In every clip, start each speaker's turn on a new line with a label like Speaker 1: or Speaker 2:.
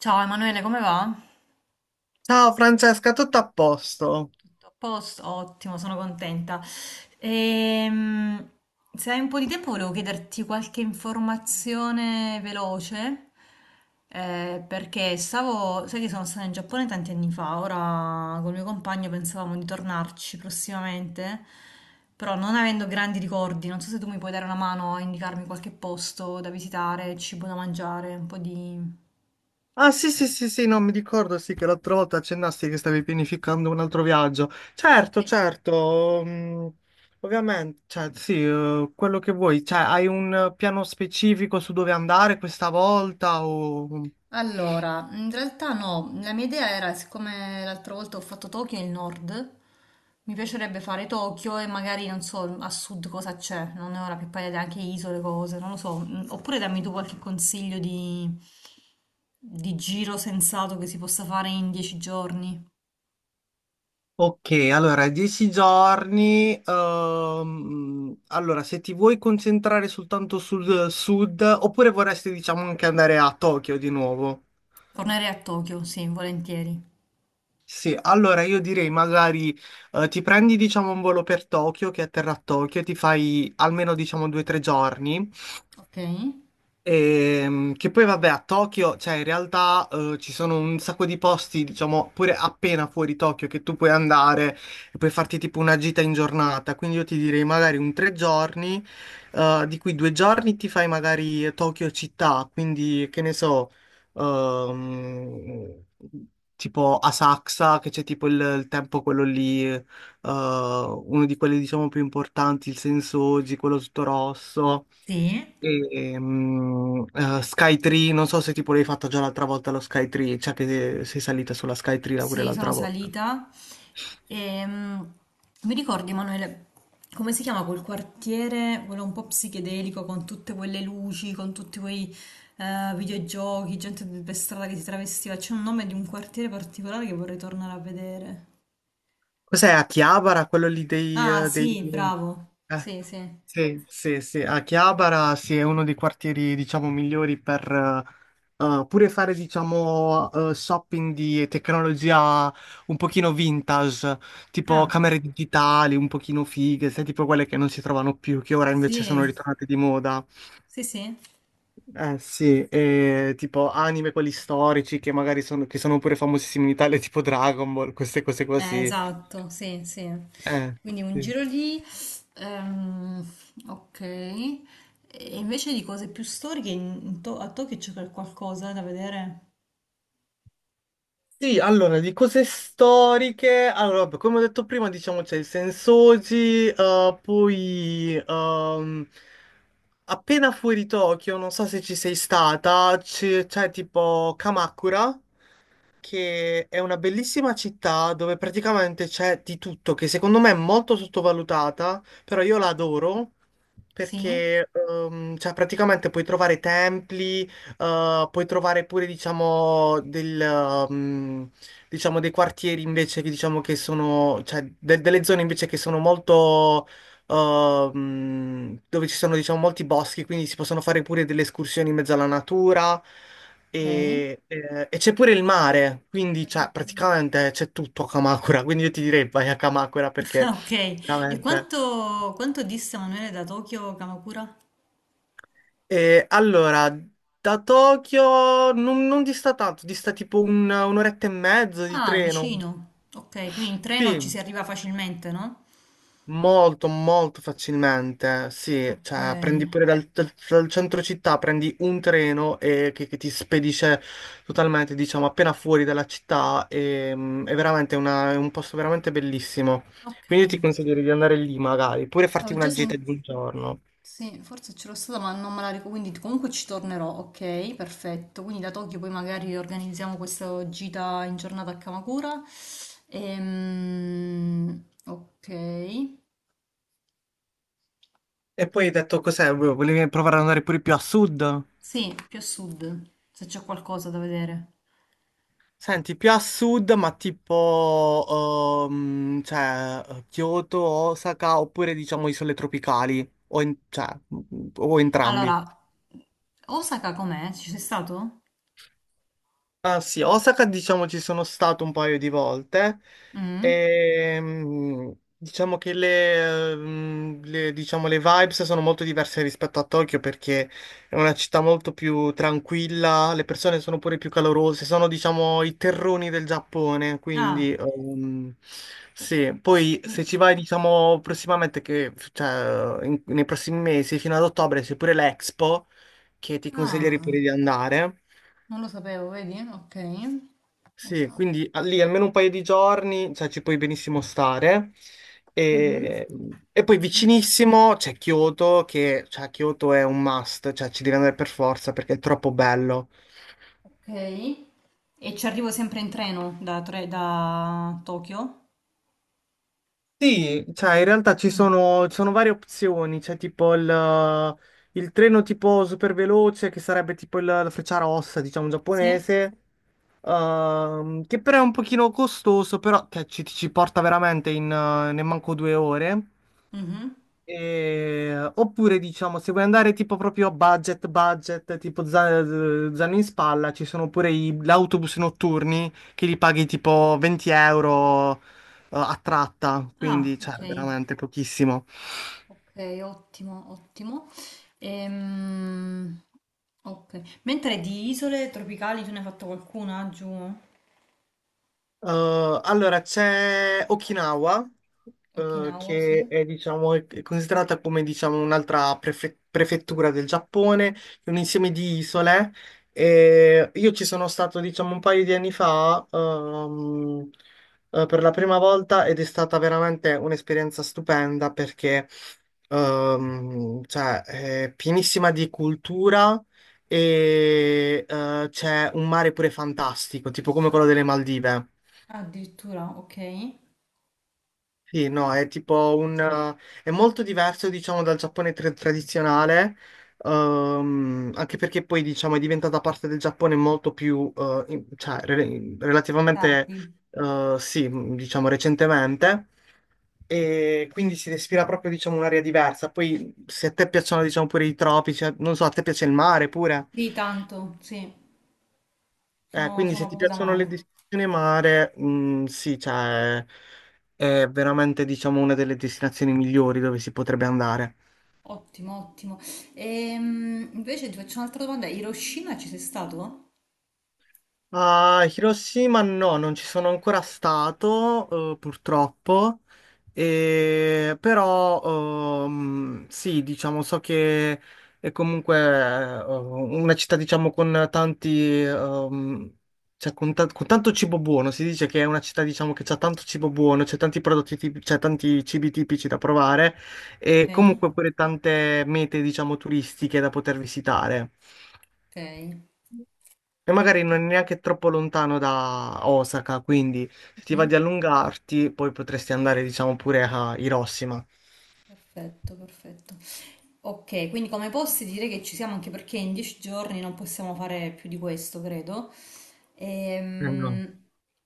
Speaker 1: Ciao Emanuele, come va?
Speaker 2: Ciao Francesca, tutto a posto?
Speaker 1: Tutto a posto? Ottimo, sono contenta. Ehm, Se hai un po' di tempo volevo chiederti qualche informazione veloce, perché stavo, sai che sono stata in Giappone tanti anni fa, ora col mio compagno pensavamo di tornarci prossimamente, però non avendo grandi ricordi, non so se tu mi puoi dare una mano a indicarmi qualche posto da visitare, cibo da mangiare, un po' di...
Speaker 2: Ah, sì, sì, sì, sì, non mi ricordo, sì che l'altra volta accennasti che stavi pianificando un altro viaggio. Certo,
Speaker 1: Sì.
Speaker 2: certo, ovviamente, cioè sì, quello che vuoi, cioè hai un piano specifico su dove andare questa volta o...
Speaker 1: Allora, in realtà no, la mia idea era, siccome l'altra volta ho fatto Tokyo e il nord, mi piacerebbe fare Tokyo e magari non so a sud cosa c'è, non ne ho la più pallida idea, anche isole, cose, non lo so. Oppure dammi tu qualche consiglio di giro sensato che si possa fare in dieci giorni.
Speaker 2: Ok, allora, 10 giorni. Allora, se ti vuoi concentrare soltanto sul sud, oppure vorresti, diciamo, anche andare a Tokyo di nuovo?
Speaker 1: Tornerei a Tokyo, sì, volentieri.
Speaker 2: Sì, allora io direi magari ti prendi diciamo un volo per Tokyo che atterra a Tokyo, ti fai almeno diciamo 2 o 3 giorni.
Speaker 1: Ok?
Speaker 2: Che poi vabbè a Tokyo, cioè in realtà ci sono un sacco di posti, diciamo, pure appena fuori Tokyo che tu puoi andare e puoi farti tipo una gita in giornata. Quindi io ti direi magari un 3 giorni, di cui 2 giorni ti fai magari Tokyo città, quindi che ne so, ehm, tipo Asakusa, che c'è tipo il tempio quello lì, uno di quelli diciamo più importanti, il Sensoji, quello tutto rosso.
Speaker 1: Sì.
Speaker 2: E, Skytree, non so se tipo l'hai fatta già l'altra volta lo Skytree, cioè che sei salita sulla Skytree là pure
Speaker 1: Sì, sono
Speaker 2: l'altra volta.
Speaker 1: salita. E, mi ricordi, Emanuele, come si chiama quel quartiere, quello un po' psichedelico, con tutte quelle luci, con tutti quei videogiochi, gente per strada che si travestiva? C'è un nome di un quartiere particolare che vorrei tornare a vedere.
Speaker 2: Cos'è, a Chiabara, quello lì
Speaker 1: Ah, sì, bravo.
Speaker 2: eh,
Speaker 1: Sì, sì.
Speaker 2: sì, sì, sì, a Chiabara sì, è uno dei quartieri diciamo migliori per pure fare diciamo shopping di tecnologia un pochino vintage, tipo
Speaker 1: Ah,
Speaker 2: camere digitali un pochino fighe, sai, tipo quelle che non si trovano più, che ora invece
Speaker 1: sì.
Speaker 2: sono ritornate di moda.
Speaker 1: Sì, sì.
Speaker 2: Eh sì, e tipo anime quelli storici che magari sono, che sono pure famosissimi in Italia, tipo Dragon Ball, queste cose così.
Speaker 1: Esatto, sì, sì.
Speaker 2: Eh,
Speaker 1: Quindi un
Speaker 2: sì.
Speaker 1: giro lì, ehm, ok. E invece di cose più storiche, a Tokyo c'è qualcosa da vedere?
Speaker 2: Sì, allora, di cose storiche, allora, vabbè, come ho detto prima, diciamo c'è il Sensoji, poi appena fuori Tokyo, non so se ci sei stata, c'è tipo Kamakura, che è una bellissima città dove praticamente c'è di tutto, che secondo me è molto sottovalutata, però io la adoro
Speaker 1: Sì,
Speaker 2: perché cioè, praticamente puoi trovare templi, puoi trovare pure, diciamo, diciamo, dei quartieri invece che, diciamo, che sono, cioè, delle zone invece che sono molto, dove ci sono, diciamo, molti boschi, quindi si possono fare pure delle escursioni in mezzo alla natura
Speaker 1: ok.
Speaker 2: e c'è pure il mare, quindi, cioè,
Speaker 1: Addirittura.
Speaker 2: praticamente c'è tutto a Kamakura, quindi io ti direi vai a Kamakura
Speaker 1: Ah,
Speaker 2: perché
Speaker 1: ok, e
Speaker 2: veramente...
Speaker 1: quanto dista Manuele da Tokyo a Kamakura?
Speaker 2: Allora, da Tokyo non dista tanto, dista tipo un'oretta e mezzo di
Speaker 1: Ah,
Speaker 2: treno.
Speaker 1: vicino. Ok, quindi in treno ci
Speaker 2: Sì,
Speaker 1: si arriva facilmente, no?
Speaker 2: molto, molto facilmente. Sì,
Speaker 1: Ok,
Speaker 2: cioè prendi pure dal centro città, prendi un treno che ti spedisce totalmente, diciamo, appena fuori dalla città. E, è veramente è un posto veramente bellissimo.
Speaker 1: ok.
Speaker 2: Quindi io ti consiglio di andare lì magari, pure farti
Speaker 1: Avevo già
Speaker 2: una gita di
Speaker 1: sentito.
Speaker 2: un giorno.
Speaker 1: Sì, forse ce l'ho stata, ma non me la ricordo, quindi comunque ci tornerò, ok? Perfetto. Quindi da Tokyo poi magari organizziamo questa gita in giornata a Kamakura. Ok.
Speaker 2: E poi hai detto cos'è? Volevi provare ad andare pure più a sud?
Speaker 1: Sì, più a sud, se c'è qualcosa da vedere.
Speaker 2: Senti, più a sud, ma tipo, cioè, Kyoto, Osaka, oppure diciamo isole tropicali, o entrambi.
Speaker 1: Allora, Osaka com'è? Ci sei stato?
Speaker 2: Ah sì, Osaka diciamo ci sono stato un paio di volte
Speaker 1: Mm?
Speaker 2: e diciamo che diciamo, le vibes sono molto diverse rispetto a Tokyo perché è una città molto più tranquilla, le persone sono pure più calorose, sono diciamo i terroni del Giappone,
Speaker 1: Ah,
Speaker 2: quindi sì, poi
Speaker 1: qui-
Speaker 2: se ci vai diciamo prossimamente, che, cioè, nei prossimi mesi fino ad ottobre c'è pure l'Expo che ti consiglierei
Speaker 1: ah,
Speaker 2: pure di andare.
Speaker 1: non lo sapevo, vedi? Ok.
Speaker 2: Sì,
Speaker 1: Osaka.
Speaker 2: quindi lì almeno un paio di giorni, cioè ci puoi benissimo stare.
Speaker 1: Mhm.
Speaker 2: E, e poi vicinissimo c'è Kyoto, che cioè, Kyoto è un must, cioè ci devi andare per forza perché è troppo bello.
Speaker 1: Ok. E ci arrivo sempre in treno da, da Tokyo?
Speaker 2: Sì, cioè in realtà ci
Speaker 1: Mm,
Speaker 2: sono, ci sono varie opzioni, c'è tipo il treno tipo super veloce che sarebbe tipo la Frecciarossa, diciamo
Speaker 1: sì.
Speaker 2: giapponese, che però è un pochino costoso, però che ci porta veramente ne manco 2 ore.
Speaker 1: Mhm.
Speaker 2: Oppure diciamo, se vuoi andare tipo proprio budget, budget, tipo zaino in spalla, ci sono pure gli autobus notturni che li paghi tipo 20 € a tratta,
Speaker 1: Ah,
Speaker 2: quindi cioè
Speaker 1: ok.
Speaker 2: veramente pochissimo.
Speaker 1: Ok, ottimo, ottimo. Ehm, ok. Mentre di isole tropicali tu ne hai fatto qualcuna giù?
Speaker 2: Eh, allora, c'è Okinawa,
Speaker 1: Okinawa, sì.
Speaker 2: che è, diciamo, è considerata come, diciamo, un'altra prefettura del Giappone, è un insieme di isole. E io ci sono stato, diciamo, un paio di anni fa, per la prima volta ed è stata veramente un'esperienza stupenda perché cioè, è pienissima di cultura e, c'è un mare pure fantastico, tipo come quello delle Maldive.
Speaker 1: Ah, addirittura, ok.
Speaker 2: Sì, no, è tipo è molto diverso, diciamo, dal Giappone tradizionale, anche perché poi, diciamo, è diventata parte del Giappone molto più, cioè, relativamente,
Speaker 1: Tardi.
Speaker 2: sì, diciamo, recentemente, e quindi si respira proprio, diciamo, un'aria diversa. Poi, se a te piacciono, diciamo, pure i tropici, non so, a te piace il mare pure?
Speaker 1: Di tanto, sì.
Speaker 2: Eh,
Speaker 1: Sono,
Speaker 2: quindi
Speaker 1: sono
Speaker 2: se ti
Speaker 1: proprio da
Speaker 2: piacciono le
Speaker 1: mare.
Speaker 2: destinazioni mare, sì, cioè, è veramente, diciamo, una delle destinazioni migliori dove si potrebbe andare.
Speaker 1: Ottimo, ottimo. Invece ti faccio un'altra domanda. Hiroshima ci sei stato?
Speaker 2: A Hiroshima no, non ci sono ancora stato, purtroppo. Però sì, diciamo, so che è comunque una città, diciamo, con tanti, cioè con, ta- con tanto cibo buono, si dice che è una città, diciamo, che c'ha tanto cibo buono, c'è tanti prodotti tipici, c'è tanti cibi tipici da provare e
Speaker 1: Ok.
Speaker 2: comunque pure tante mete, diciamo, turistiche da poter visitare.
Speaker 1: Okay,
Speaker 2: E magari non è neanche troppo lontano da Osaka, quindi se ti va
Speaker 1: mh-mh.
Speaker 2: di allungarti, poi potresti andare, diciamo, pure a Hiroshima.
Speaker 1: Perfetto, perfetto. Okay, quindi come posti direi che ci siamo anche perché in 10 giorni non possiamo fare più di questo, credo.
Speaker 2: Eh no.
Speaker 1: Ehm,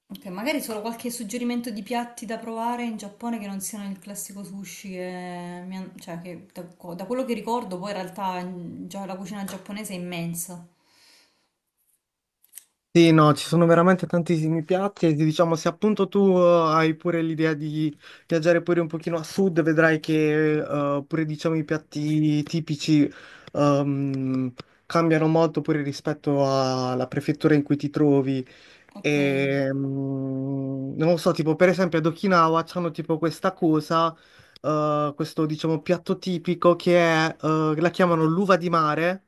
Speaker 1: ok, magari solo qualche suggerimento di piatti da provare in Giappone che non siano il classico sushi che, cioè, che da, da quello che ricordo poi in realtà già la cucina giapponese è immensa.
Speaker 2: Sì, no, ci sono veramente tantissimi piatti e diciamo se appunto tu hai pure l'idea di viaggiare pure un pochino a sud, vedrai che pure diciamo i piatti tipici ehm, cambiano molto pure rispetto alla prefettura in cui ti trovi.
Speaker 1: Ok,
Speaker 2: E, non lo so, tipo per esempio ad Okinawa hanno tipo questa cosa, questo diciamo piatto tipico che è, la chiamano l'uva di mare,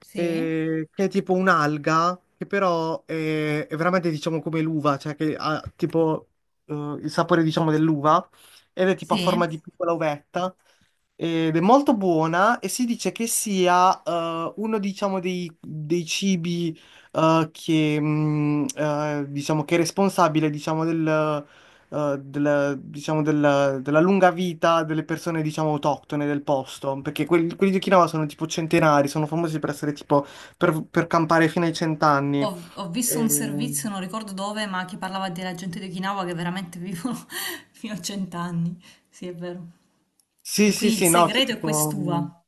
Speaker 1: sì.
Speaker 2: che è tipo un'alga, che però è veramente diciamo come l'uva, cioè che ha tipo eh, il sapore diciamo dell'uva ed è tipo a
Speaker 1: Sì?
Speaker 2: forma di piccola uvetta ed è molto buona e si dice che sia uno diciamo dei cibi che diciamo che è responsabile diciamo, della, diciamo, della lunga vita delle persone diciamo autoctone del posto, perché quelli di Okinawa sono tipo centenari, sono famosi per essere tipo per campare fino ai cent'anni.
Speaker 1: Ho, ho visto un
Speaker 2: E-
Speaker 1: servizio, non ricordo dove, ma che parlava della gente di Okinawa che veramente vivono fino a cent'anni. Sì, è vero. E
Speaker 2: Sì, sì,
Speaker 1: quindi il
Speaker 2: sì, no, c'è
Speaker 1: segreto è
Speaker 2: tipo.
Speaker 1: quest'uva.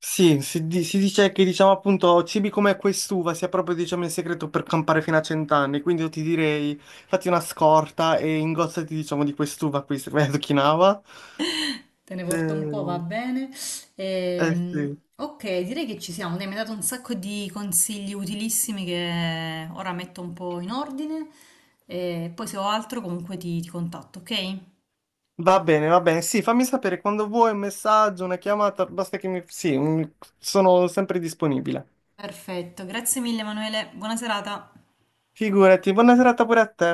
Speaker 2: Sì, si, si dice che diciamo appunto cibi come quest'uva sia proprio diciamo il segreto per campare fino a cent'anni, quindi io ti direi fatti una scorta e ingozzati diciamo di quest'uva qui, se vai ad Okinawa.
Speaker 1: Te ne porto un po', va
Speaker 2: Eh,
Speaker 1: bene.
Speaker 2: eh sì.
Speaker 1: Ok, direi che ci siamo. Dai, mi hai dato un sacco di consigli utilissimi che ora metto un po' in ordine. E poi se ho altro comunque ti contatto, ok?
Speaker 2: Va bene, sì, fammi sapere quando vuoi un messaggio, una chiamata, basta che mi... Sì, sono sempre disponibile.
Speaker 1: Perfetto, grazie mille Emanuele, buona serata.
Speaker 2: Figurati, buona serata pure a te.